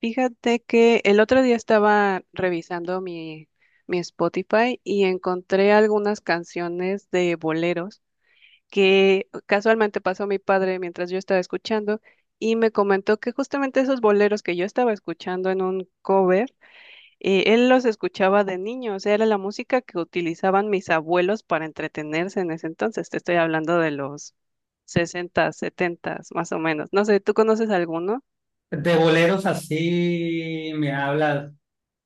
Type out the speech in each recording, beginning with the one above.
Fíjate que el otro día estaba revisando mi Spotify y encontré algunas canciones de boleros que casualmente pasó mi padre mientras yo estaba escuchando y me comentó que justamente esos boleros que yo estaba escuchando en un cover, él los escuchaba de niño, o sea, era la música que utilizaban mis abuelos para entretenerse en ese entonces. Te estoy hablando de los 60, 70, más o menos. No sé, ¿tú conoces alguno? De boleros así me hablas,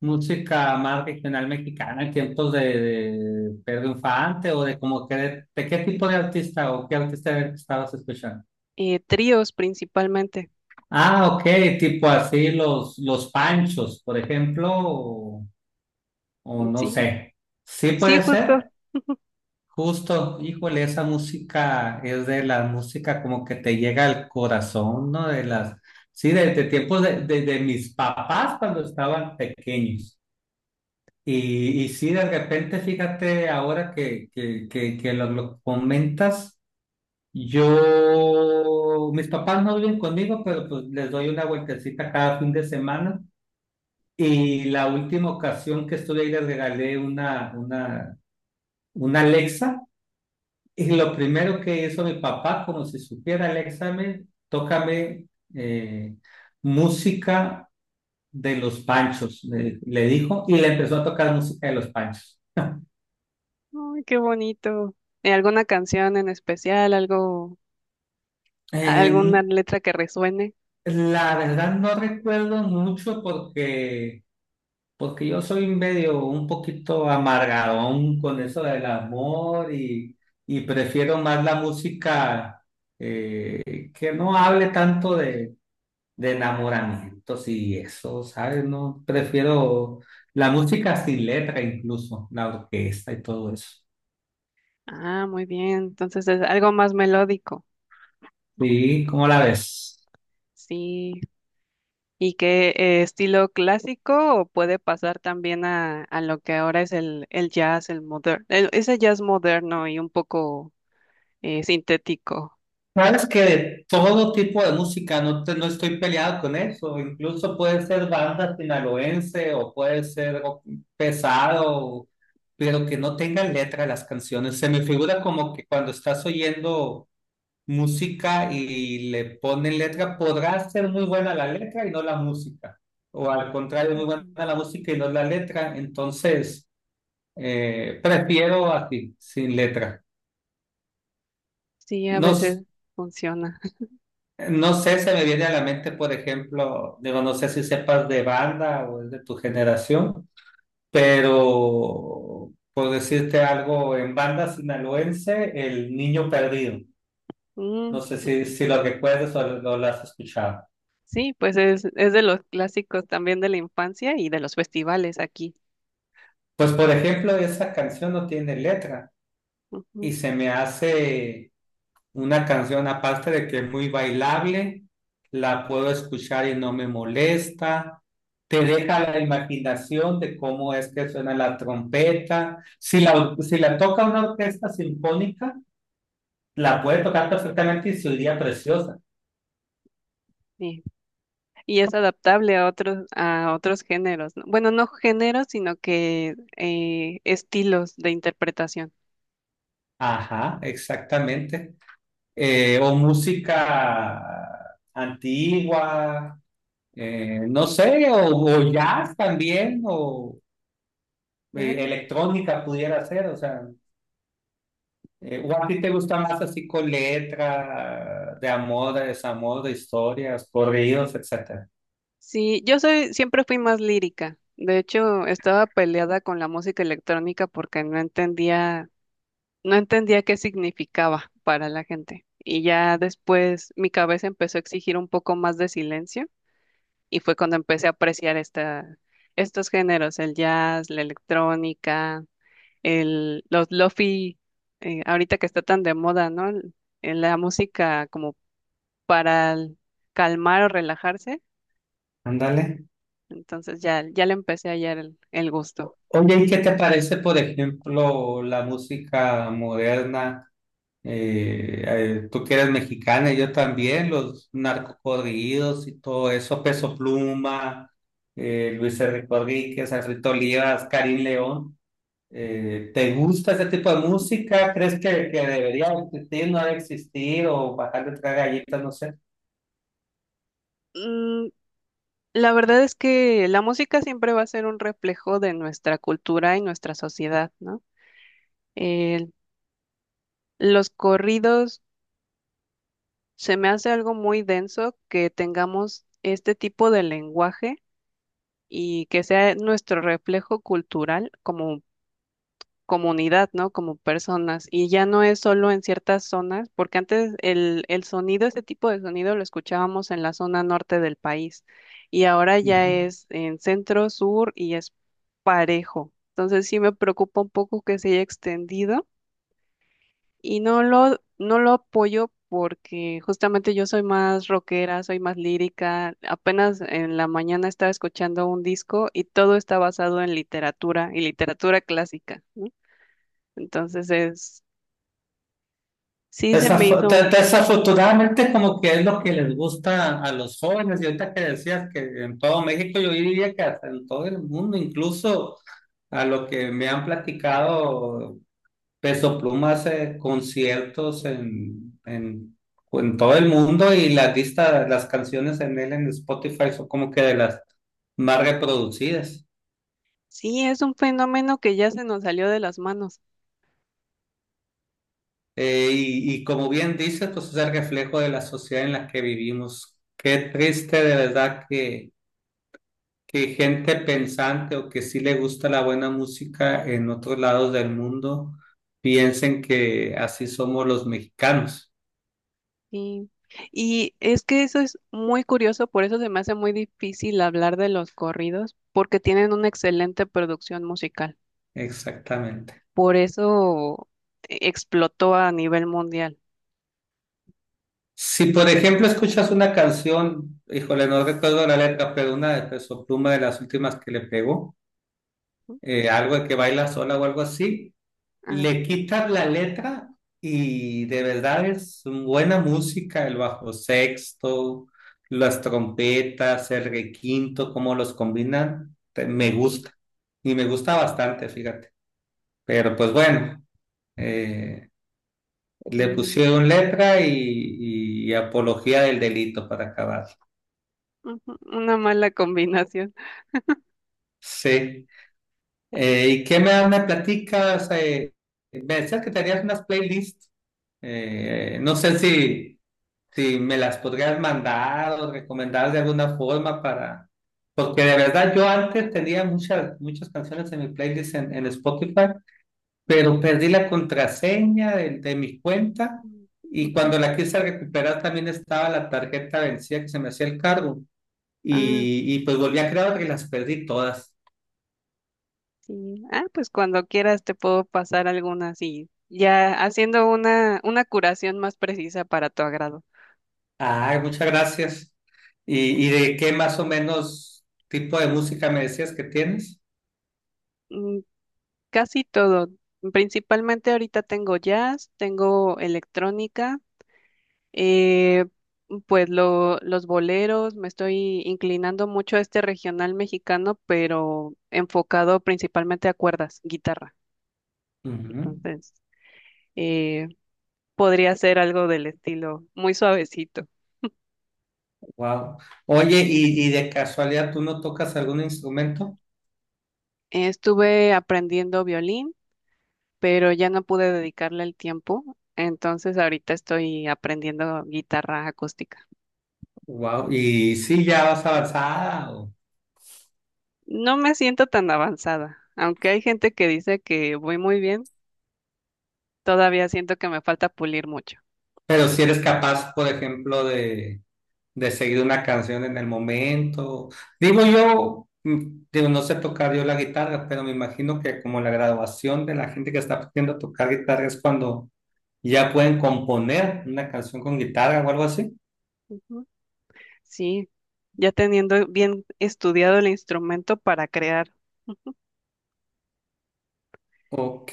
música más regional mexicana, en tiempos de Pedro Infante o de, como que de qué tipo de artista o qué artista era el que estabas escuchando. Tríos principalmente. Ah, ok, tipo así los Panchos, por ejemplo, o no Sí, sé. Sí sí, puede justo. ser, justo, híjole, esa música es de la música como que te llega al corazón, ¿no? De las, sí, de tiempos de, de mis papás cuando estaban pequeños. Y sí, de repente, fíjate, ahora que lo comentas, yo, mis papás no viven conmigo, pero pues les doy una vueltecita cada fin de semana. Y la última ocasión que estuve ahí les regalé una Alexa. Y lo primero que hizo mi papá, como si supiera Alexa, me, tócame eh, música de los Panchos, le dijo, y le empezó a tocar música de los Panchos. Ay, qué bonito. ¿Y alguna canción en especial, algo, Eh, alguna letra que resuene? La verdad no recuerdo mucho porque yo soy medio un poquito amargadón con eso del amor y prefiero más la música que no hable tanto de enamoramientos y eso, ¿sabes? No, prefiero la música sin letra incluso, la orquesta y todo eso. Ah, muy bien. Entonces es algo más melódico. Sí, ¿cómo la ves? Sí. ¿Y qué estilo clásico o puede pasar también a lo que ahora es el jazz, el moderno, ese jazz moderno y un poco sintético? Sabes que de todo tipo de música no, no estoy peleado con eso, incluso puede ser banda sinaloense o puede ser algo pesado, pero que no tengan letra las canciones. Se me figura como que cuando estás oyendo música y le ponen letra, podrá ser muy buena la letra y no la música, o al contrario, muy Ujú. buena la música y no la letra. Entonces, prefiero así, sin letra. Sí, a No, veces funciona. no sé, se me viene a la mente, por ejemplo, digo, no sé si sepas de banda o es de tu generación, pero por decirte algo, en banda sinaloense, El Niño Perdido. No Mm, sé ujú. si lo recuerdas o lo has escuchado. Sí, pues es de los clásicos también de la infancia y de los festivales aquí. Pues, por ejemplo, esa canción no tiene letra y Ujú, se me hace una canción aparte de que es muy bailable, la puedo escuchar y no me molesta. Te deja la imaginación de cómo es que suena la trompeta. Si si la toca una orquesta sinfónica, la puede tocar perfectamente y se oiría preciosa. sí. Y es adaptable a otros géneros, ¿no? Bueno, no géneros, sino que estilos de interpretación. Ajá, exactamente. O música antigua, no sé, o jazz también, o ¿Ya? ¿No? electrónica pudiera ser, o sea. ¿O a ti te gusta más así con letra, de amor, de desamor, de historias, corridos, etcétera? Sí, yo soy, siempre fui más lírica. De hecho, estaba peleada con la música electrónica porque no entendía, no entendía qué significaba para la gente. Y ya después mi cabeza empezó a exigir un poco más de silencio. Y fue cuando empecé a apreciar estos géneros, el jazz, la electrónica, los lofi, ahorita que está tan de moda, ¿no? La música como para calmar o relajarse. Ándale. Entonces ya le empecé a hallar el gusto. Oye, ¿y qué te parece, por ejemplo, la música moderna? Tú que eres mexicana, y yo también, los narcocorridos y todo eso, Peso Pluma, Luis Enrique, Conríquez, Alfredo Olivas, Karim León. ¿Te gusta ese tipo de música? ¿Crees que debería existir, no debe existir o bajar de tres galletas, no sé? Mm, la verdad es que la música siempre va a ser un reflejo de nuestra cultura y nuestra sociedad, ¿no? El- los corridos se me hace algo muy denso que tengamos este tipo de lenguaje y que sea nuestro reflejo cultural como comunidad, ¿no? Como personas. Y ya no es solo en ciertas zonas, porque antes el sonido, este tipo de sonido lo escuchábamos en la zona norte del país y ahora ya Ujú. es en centro, sur y es parejo. Entonces sí me preocupa un poco que se haya extendido y no lo apoyo porque justamente yo soy más rockera, soy más lírica. Apenas en la mañana estaba escuchando un disco y todo está basado en literatura y literatura clásica, ¿no? Entonces es, sí se me hizo, Desafortunadamente es como que es lo que les gusta a los jóvenes, y ahorita que decías que en todo México, yo diría que hasta en todo el mundo, incluso a lo que me han platicado, Peso Pluma hace conciertos en todo el mundo, y las listas, las canciones en él en Spotify son como que de las más reproducidas. sí es un fenómeno que ya se nos salió de las manos. Y como bien dices, pues es el reflejo de la sociedad en la que vivimos. Qué triste de verdad que gente pensante o que sí le gusta la buena música en otros lados del mundo piensen que así somos los mexicanos. Sí. Y es que eso es muy curioso, por eso se me hace muy difícil hablar de los corridos, porque tienen una excelente producción musical. Exactamente. Por eso explotó a nivel mundial. Si por ejemplo escuchas una canción, híjole, no recuerdo la letra, pero una de Peso Pluma de las últimas que le pegó, ¿No? Algo de que baila sola o algo así. Ah, Le quitas la letra y de verdad es buena música, el bajo sexto, las trompetas, el requinto, cómo los combinan, me ujú, gusta. Y me gusta bastante, fíjate. Pero pues bueno, eh, le sí. pusieron letra y apología del delito para acabar. Ujú, una mala combinación. Sí. ¿Y qué me platicas? Me decías que tenías unas playlists. No sé si... si me las podrías mandar o recomendar de alguna forma para... Porque de verdad yo antes tenía muchas, muchas canciones en mi playlist en Spotify, pero perdí la contraseña de mi cuenta, Mm, y cuando ujú. la quise recuperar también estaba la tarjeta vencida que se me hacía el cargo, Ah, y pues volví a crear otra y las perdí todas. sí. Ah, pues cuando quieras te puedo pasar algunas y ya haciendo una curación más precisa para tu agrado. Ay, muchas gracias. ¿ y de qué más o menos tipo de música me decías que tienes? Mm, casi todo. Principalmente ahorita tengo jazz, tengo electrónica. Eh, pues los boleros, me estoy inclinando mucho a este regional mexicano, pero enfocado principalmente a cuerdas, guitarra. Entonces, eh, podría ser algo del estilo muy suavecito. Wow. Oye, ¿ y de casualidad tú no tocas algún instrumento? Estuve aprendiendo violín, pero ya no pude dedicarle el tiempo, entonces ahorita estoy aprendiendo guitarra acústica. Wow. ¿Y sí ya vas avanzada? No me siento tan avanzada, aunque hay gente que dice que voy muy bien, todavía siento que me falta pulir mucho. Pero si eres capaz, por ejemplo, de seguir una canción en el momento. Digo yo, mm, digo, no sé tocar yo la guitarra, pero me imagino que como la graduación de la gente que está aprendiendo a tocar guitarra es cuando ya pueden componer una canción con guitarra o algo así. Ujú. Sí, ya teniendo bien estudiado el instrumento para crear. Ok.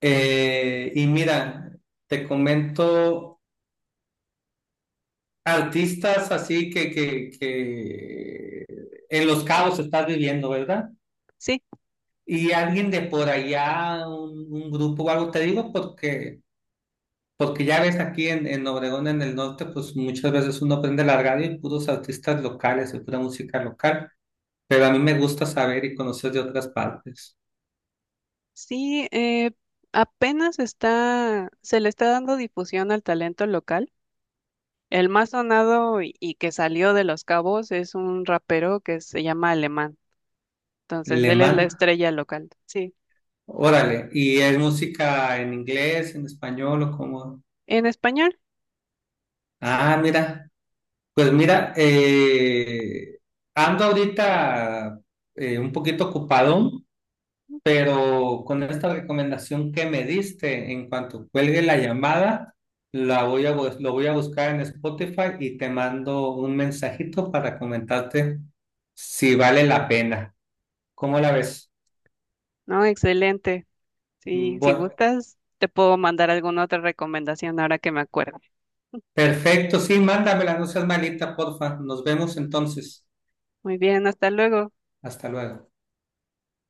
Y mira, te comento artistas así que en Los Cabos estás viviendo, ¿verdad? Sí, Y alguien de por allá, un grupo o algo, te digo porque, porque ya ves aquí en Obregón, en el norte, pues muchas veces uno prende la radio y puros artistas locales y pura música local, pero a mí me gusta saber y conocer de otras partes. sí, apenas está, se le está dando difusión al talento local. El más sonado y que salió de Los Cabos es un rapero que se llama Alemán. Entonces, Le él es la man, estrella local. Sí. órale, ¿y es música en inglés, en español o cómo? En español. Sí. Ah, mira, pues mira, ando ahorita un poquito ocupado. Pero con esta recomendación que me diste, en cuanto cuelgue la llamada, la voy a, lo voy a buscar en Spotify y te mando un mensajito para comentarte si vale la pena. ¿Cómo la ves? No, excelente. Sí, si Bueno, gustas, te puedo mandar alguna otra recomendación ahora que me acuerde. perfecto, sí, mándamela, no seas malita, porfa. Nos vemos entonces. Muy bien, hasta luego. Hasta luego.